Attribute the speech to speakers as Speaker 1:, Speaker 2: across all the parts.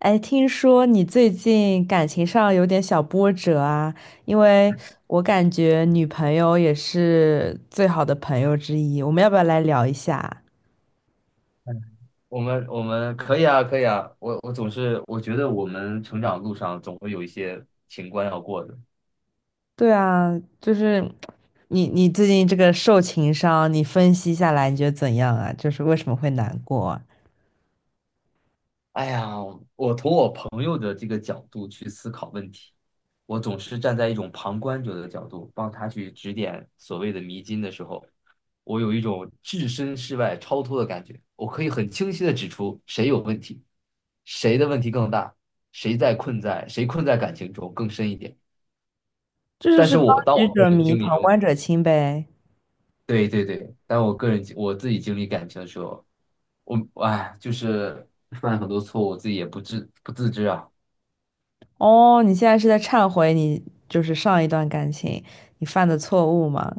Speaker 1: 哎，听说你最近感情上有点小波折啊，因为我感觉女朋友也是最好的朋友之一，我们要不要来聊一下？
Speaker 2: 嗯，我们可以啊，可以啊。我我总是我觉得我们成长路上总会有一些情关要过的。
Speaker 1: 对啊，就是你最近这个受情伤，你分析下来你觉得怎样啊？就是为什么会难过啊，
Speaker 2: 哎呀，我从我朋友的这个角度去思考问题，我总是站在一种旁观者的角度，帮他去指点所谓的迷津的时候，我有一种置身事外、超脱的感觉。我可以很清晰的指出谁有问题，谁的问题更大，谁困在感情中更深一点。
Speaker 1: 这就
Speaker 2: 但
Speaker 1: 是
Speaker 2: 是
Speaker 1: 当
Speaker 2: 我当
Speaker 1: 局
Speaker 2: 我个
Speaker 1: 者
Speaker 2: 人
Speaker 1: 迷，
Speaker 2: 经历
Speaker 1: 旁
Speaker 2: 中。
Speaker 1: 观者清呗。
Speaker 2: 对对对，但我个人我自己经历感情的时候，我就是犯很多错误，我自己也不自知啊。
Speaker 1: 哦，你现在是在忏悔你就是上一段感情你犯的错误吗？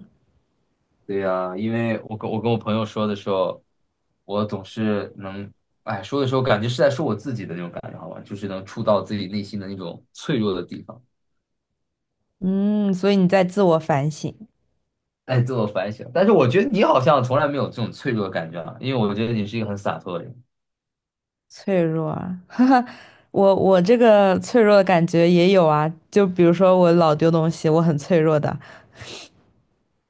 Speaker 2: 对呀，因为我跟我朋友说的时候，我总是能哎说的时候，感觉是在说我自己的那种感觉，好吧，就是能触到自己内心的那种脆弱的地方，
Speaker 1: 嗯，所以你在自我反省。
Speaker 2: 哎，自我反省。但是我觉得你好像从来没有这种脆弱的感觉啊，因为我觉得你是一个很洒脱的人。
Speaker 1: 脆弱啊。我这个脆弱的感觉也有啊，就比如说我老丢东西，我很脆弱的。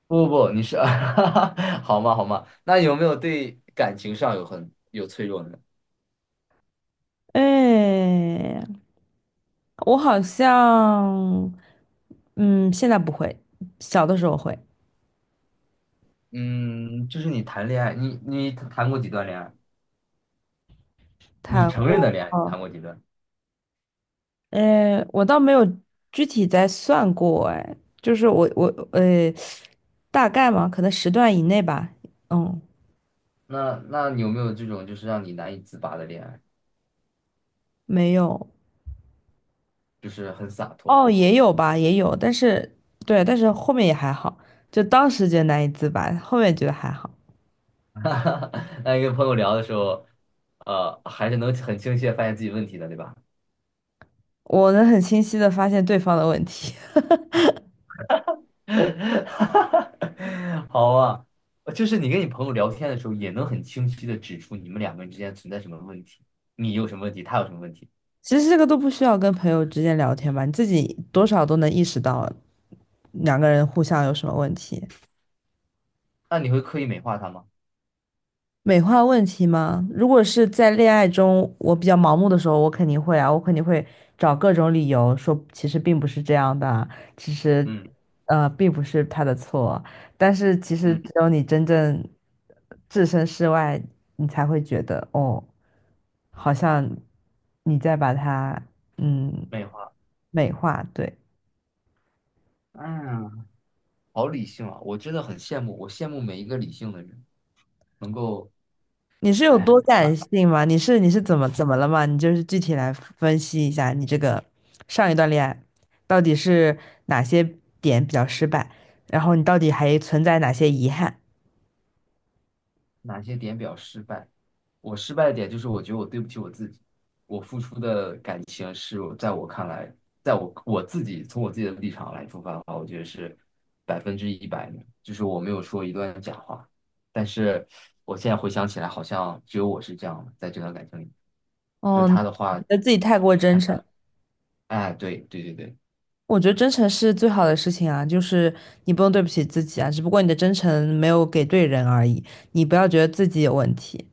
Speaker 2: 不不不，你是 好嘛好嘛，那有没有对感情上有很有脆弱呢？
Speaker 1: 哎，我好像，嗯，现在不会，小的时候会。
Speaker 2: 嗯，就是你谈恋爱，你谈过几段恋爱？你
Speaker 1: 谈
Speaker 2: 承认
Speaker 1: 过。
Speaker 2: 的恋爱谈过几段？
Speaker 1: 哎，我倒没有具体在算过，哎，就是我呃，大概嘛，可能时段以内吧。嗯，
Speaker 2: 那你有没有这种就是让你难以自拔的恋爱，
Speaker 1: 没有。
Speaker 2: 就是很洒脱？
Speaker 1: 哦，也有吧，也有，但是对，但是后面也还好，就当时觉得难以自拔，后面觉得还好。
Speaker 2: 哈哈，那跟朋友聊的时候，还是能很清晰的发现自己问题的，对吧？
Speaker 1: 我能很清晰的发现对方的问题。
Speaker 2: 好啊，就是你跟你朋友聊天的时候，也能很清晰的指出你们两个人之间存在什么问题，你有什么问题，他有什么问题，
Speaker 1: 其实这个都不需要跟朋友之间聊天吧，你自己多少都能意识到两个人互相有什么问题。
Speaker 2: 那你会刻意美化他吗？
Speaker 1: 美化问题吗？如果是在恋爱中，我比较盲目的时候，我肯定会啊，我肯定会找各种理由说，其实并不是这样的啊，其实，
Speaker 2: 嗯
Speaker 1: 并不是他的错。但是其实
Speaker 2: 嗯，
Speaker 1: 只有你真正置身事外，你才会觉得，哦，好像你在把它，嗯，
Speaker 2: 美化。
Speaker 1: 美化，对。
Speaker 2: 嗯。好理性啊！我真的很羡慕，我羡慕每一个理性的人能够，
Speaker 1: 你是有
Speaker 2: 哎，
Speaker 1: 多感性吗？你是怎么怎么了吗？你就是具体来分析一下，你这个上一段恋爱到底是哪些点比较失败，然后你到底还存在哪些遗憾？
Speaker 2: 哪些点比较失败？我失败的点就是我觉得我对不起我自己，我付出的感情是我在我看来，在我自己的立场来出发的话，我觉得是百分之一百的，就是我没有说一段假话。但是我现在回想起来，好像只有我是这样的，在这段感情里，就是
Speaker 1: 嗯，
Speaker 2: 他的
Speaker 1: 你
Speaker 2: 话，
Speaker 1: 觉得自己太过真诚。
Speaker 2: 哎，对对对对。
Speaker 1: 我觉得真诚是最好的事情啊，就是你不用对不起自己啊，只不过你的真诚没有给对人而已，你不要觉得自己有问题。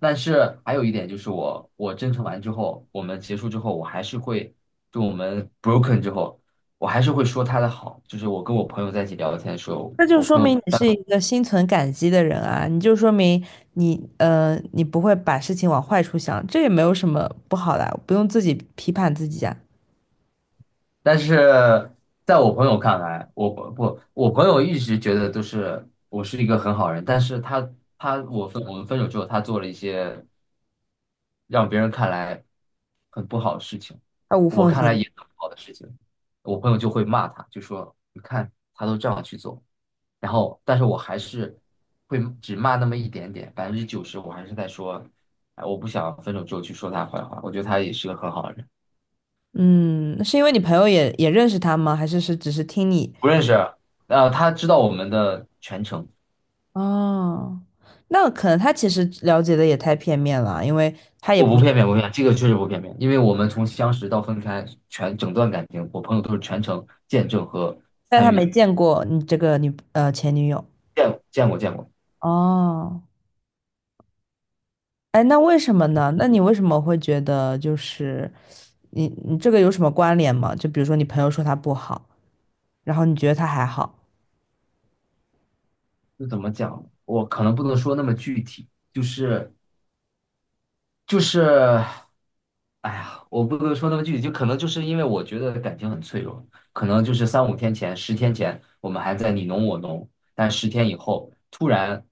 Speaker 2: 但是还有一点就是我，我真诚完之后，我们结束之后，我还是会，就我们 broken 之后，我还是会说他的好。就是我跟我朋友在一起聊天的时候，
Speaker 1: 那就
Speaker 2: 我
Speaker 1: 说
Speaker 2: 朋
Speaker 1: 明
Speaker 2: 友，
Speaker 1: 你
Speaker 2: 但
Speaker 1: 是一个心存感激的人啊，你就说明你你不会把事情往坏处想，这也没有什么不好的啊，不用自己批判自己啊。
Speaker 2: 但是在我朋友看来，我不，我朋友一直觉得都是我是一个很好人，但是他他我分我们分手之后，他做了一些让别人看来很不好的事情，
Speaker 1: 啊，无
Speaker 2: 我
Speaker 1: 缝
Speaker 2: 看
Speaker 1: 衔
Speaker 2: 来
Speaker 1: 接。
Speaker 2: 也很不好的事情，我朋友就会骂他，就说你看他都这样去做。然后，但是我还是会只骂那么一点点，百分之九十我还是在说，哎，我不想分手之后去说他坏话，我觉得他也是个很好的人，
Speaker 1: 嗯，是因为你朋友也认识他吗？还是是只是听你？
Speaker 2: 不认识，他知道我们的全程，
Speaker 1: 哦，那可能他其实了解的也太片面了啊，因为他也
Speaker 2: 我
Speaker 1: 不
Speaker 2: 不
Speaker 1: 是，
Speaker 2: 片面，不片面，这个确实不片面，因为我们从相识到分开，全整段感情，我朋友都是全程见证和
Speaker 1: 但他
Speaker 2: 参与
Speaker 1: 没
Speaker 2: 的，
Speaker 1: 见过你这个女前女友。
Speaker 2: 见过见过，
Speaker 1: 哦，哎，那为什么呢？那你为什么会觉得就是？你你这个有什么关联吗？就比如说你朋友说他不好，然后你觉得他还好。
Speaker 2: 就怎么讲，我可能不能说那么具体，就是。哎呀，我不能说那么具体，就可能就是因为我觉得感情很脆弱，可能就是三五天前、十天前，我们还在你侬我侬，但十天以后突然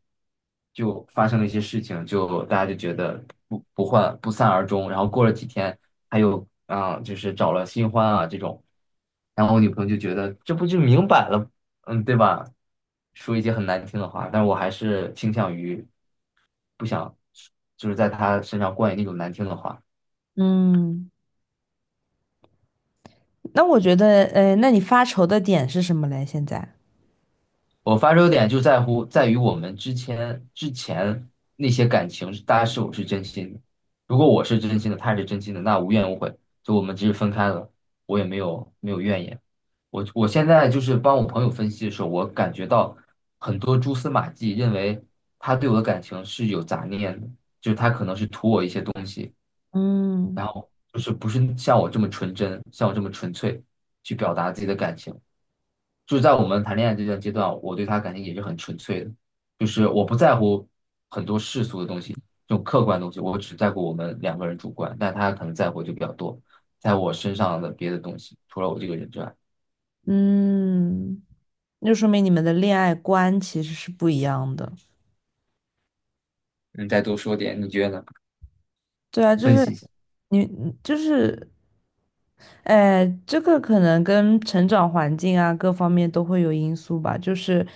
Speaker 2: 就发生了一些事情，就大家就觉得不欢不散而终，然后过了几天，他又啊、就是找了新欢啊这种，然后我女朋友就觉得这不就明摆了，嗯，对吧？说一些很难听的话，但我还是倾向于不想，就是在她身上灌以那种难听的话。
Speaker 1: 嗯，那我觉得，呃，那你发愁的点是什么嘞？现在，
Speaker 2: 我发愁点就在乎在于我们之前那些感情，大家是否是真心的？如果我是真心的，他是真心的，那无怨无悔，就我们即使分开了，我也没有怨言。我现在就是帮我朋友分析的时候，我感觉到很多蛛丝马迹，认为他对我的感情是有杂念的，就是他可能是图我一些东西，
Speaker 1: 嗯。
Speaker 2: 然后就是不是像我这么纯真，像我这么纯粹去表达自己的感情。就是在我们谈恋爱这段阶段，我对他感情也是很纯粹的，就是我不在乎这种客观的东西，我只在乎我们两个人主观，但他可能在乎就比较多，在乎我身上的别的东西，除了我这个人之外，
Speaker 1: 嗯，那就说明你们的恋爱观其实是不一样的。
Speaker 2: 你再多说点，你觉得呢？
Speaker 1: 对啊，就
Speaker 2: 分
Speaker 1: 是
Speaker 2: 析一下。
Speaker 1: 你就是，哎，这个可能跟成长环境啊各方面都会有因素吧。就是，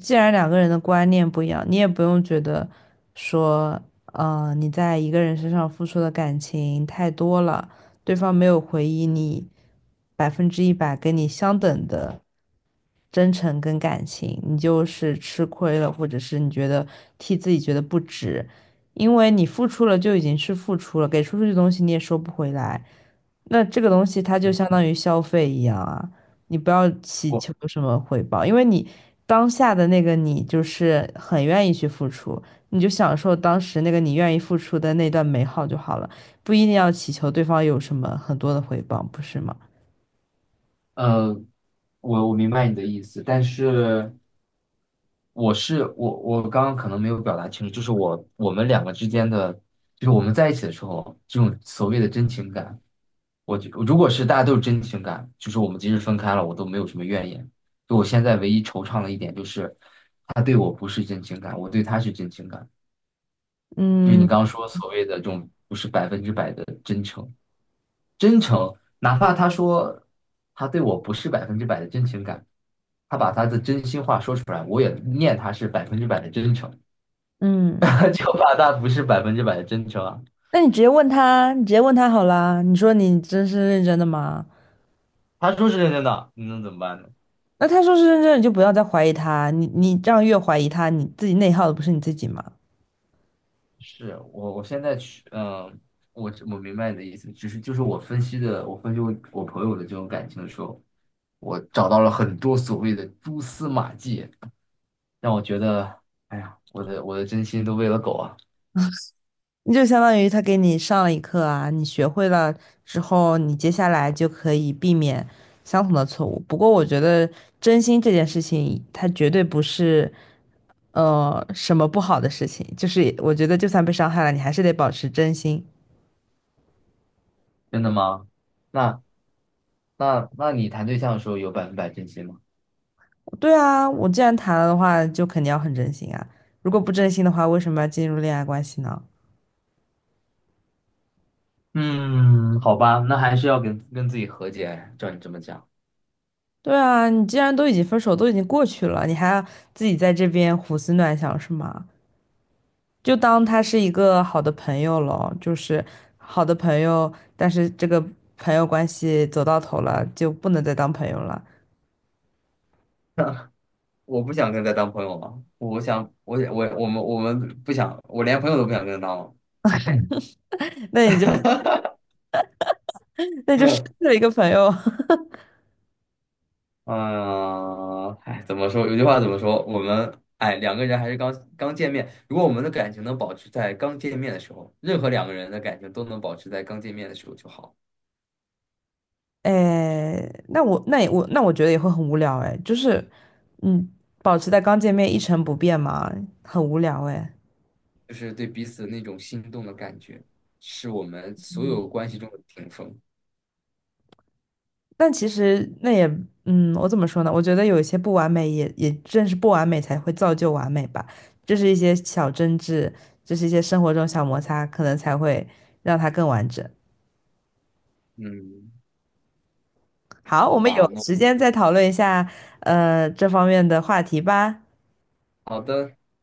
Speaker 1: 既然两个人的观念不一样，你也不用觉得说，呃，你在一个人身上付出的感情太多了，对方没有回应你100%跟你相等的真诚跟感情，你就是吃亏了，或者是你觉得替自己觉得不值，因为你付出了就已经是付出了，给出去的东西你也收不回来。那这个东西它就相当于消费一样啊，你不要祈
Speaker 2: 我
Speaker 1: 求什么回报，因为你当下的那个你就是很愿意去付出，你就享受当时那个你愿意付出的那段美好就好了，不一定要祈求对方有什么很多的回报，不是吗？
Speaker 2: 呃，我明白你的意思，但是我刚刚可能没有表达清楚，就是我我们两个之间的，就是我们在一起的时候，这种所谓的真情感。我就如果是大家都是真情感，就是我们即使分开了，我都没有什么怨言。就我现在唯一惆怅的一点就是，他对我不是真情感，我对他是真情感。就是你
Speaker 1: 嗯。
Speaker 2: 刚刚说所谓的这种不是百分之百的真诚，真诚，哪怕他说他对我不是百分之百的真情感，他把他的真心话说出来，我也念他是百分之百的真诚，
Speaker 1: 嗯，
Speaker 2: 就怕他不是百分之百的真诚啊。
Speaker 1: 那你直接问他，你直接问他好啦。你说你真是认真的吗？
Speaker 2: 他说是认真的，你能怎么办呢？
Speaker 1: 那他说是认真的，你就不要再怀疑他。你你这样越怀疑他，你自己内耗的不是你自己吗？
Speaker 2: 是我，我现在去，嗯，我明白你的意思，只是就是我分析的，我分析我朋友的这种感情的时候，我找到了很多所谓的蛛丝马迹，让我觉得，哎呀，我的真心都喂了狗啊！
Speaker 1: 就相当于他给你上了一课啊，你学会了之后，你接下来就可以避免相同的错误。不过我觉得真心这件事情，它绝对不是什么不好的事情，就是我觉得就算被伤害了，你还是得保持真心。
Speaker 2: 真的吗？那那你谈对象的时候有百分百真心吗？
Speaker 1: 对啊，我既然谈了的话，就肯定要很真心啊。如果不真心的话，为什么要进入恋爱关系呢？
Speaker 2: 嗯，好吧，那还是要跟跟自己和解。照你这么讲，
Speaker 1: 对啊，你既然都已经分手，都已经过去了，你还要自己在这边胡思乱想是吗？就当他是一个好的朋友咯，就是好的朋友，但是这个朋友关系走到头了，就不能再当朋友了。
Speaker 2: 我不想跟他当朋友了，我们不想，我连朋友都不想跟他当了。
Speaker 1: 那你就那就失 去了一个朋友。
Speaker 2: 嗯，哎，怎么说？有句话怎么说？我们哎，两个人还是刚刚见面。如果我们的感情能保持在刚见面的时候，任何两个人的感情都能保持在刚见面的时候就好。
Speaker 1: 哎，那我那也我那我觉得也会很无聊哎，就是嗯，保持在刚见面一成不变嘛，很无聊哎。
Speaker 2: 就是对彼此那种心动的感觉，是我们所有关系中的顶峰。
Speaker 1: 但其实那也，嗯，我怎么说呢？我觉得有一些不完美也，也正是不完美才会造就完美吧。这是一些小争执，这是一些生活中小摩擦，可能才会让它更完整。
Speaker 2: 嗯，
Speaker 1: 好，
Speaker 2: 好
Speaker 1: 我们有
Speaker 2: 吧，那
Speaker 1: 时间再讨论一下，呃，这方面的话题吧。
Speaker 2: 好的。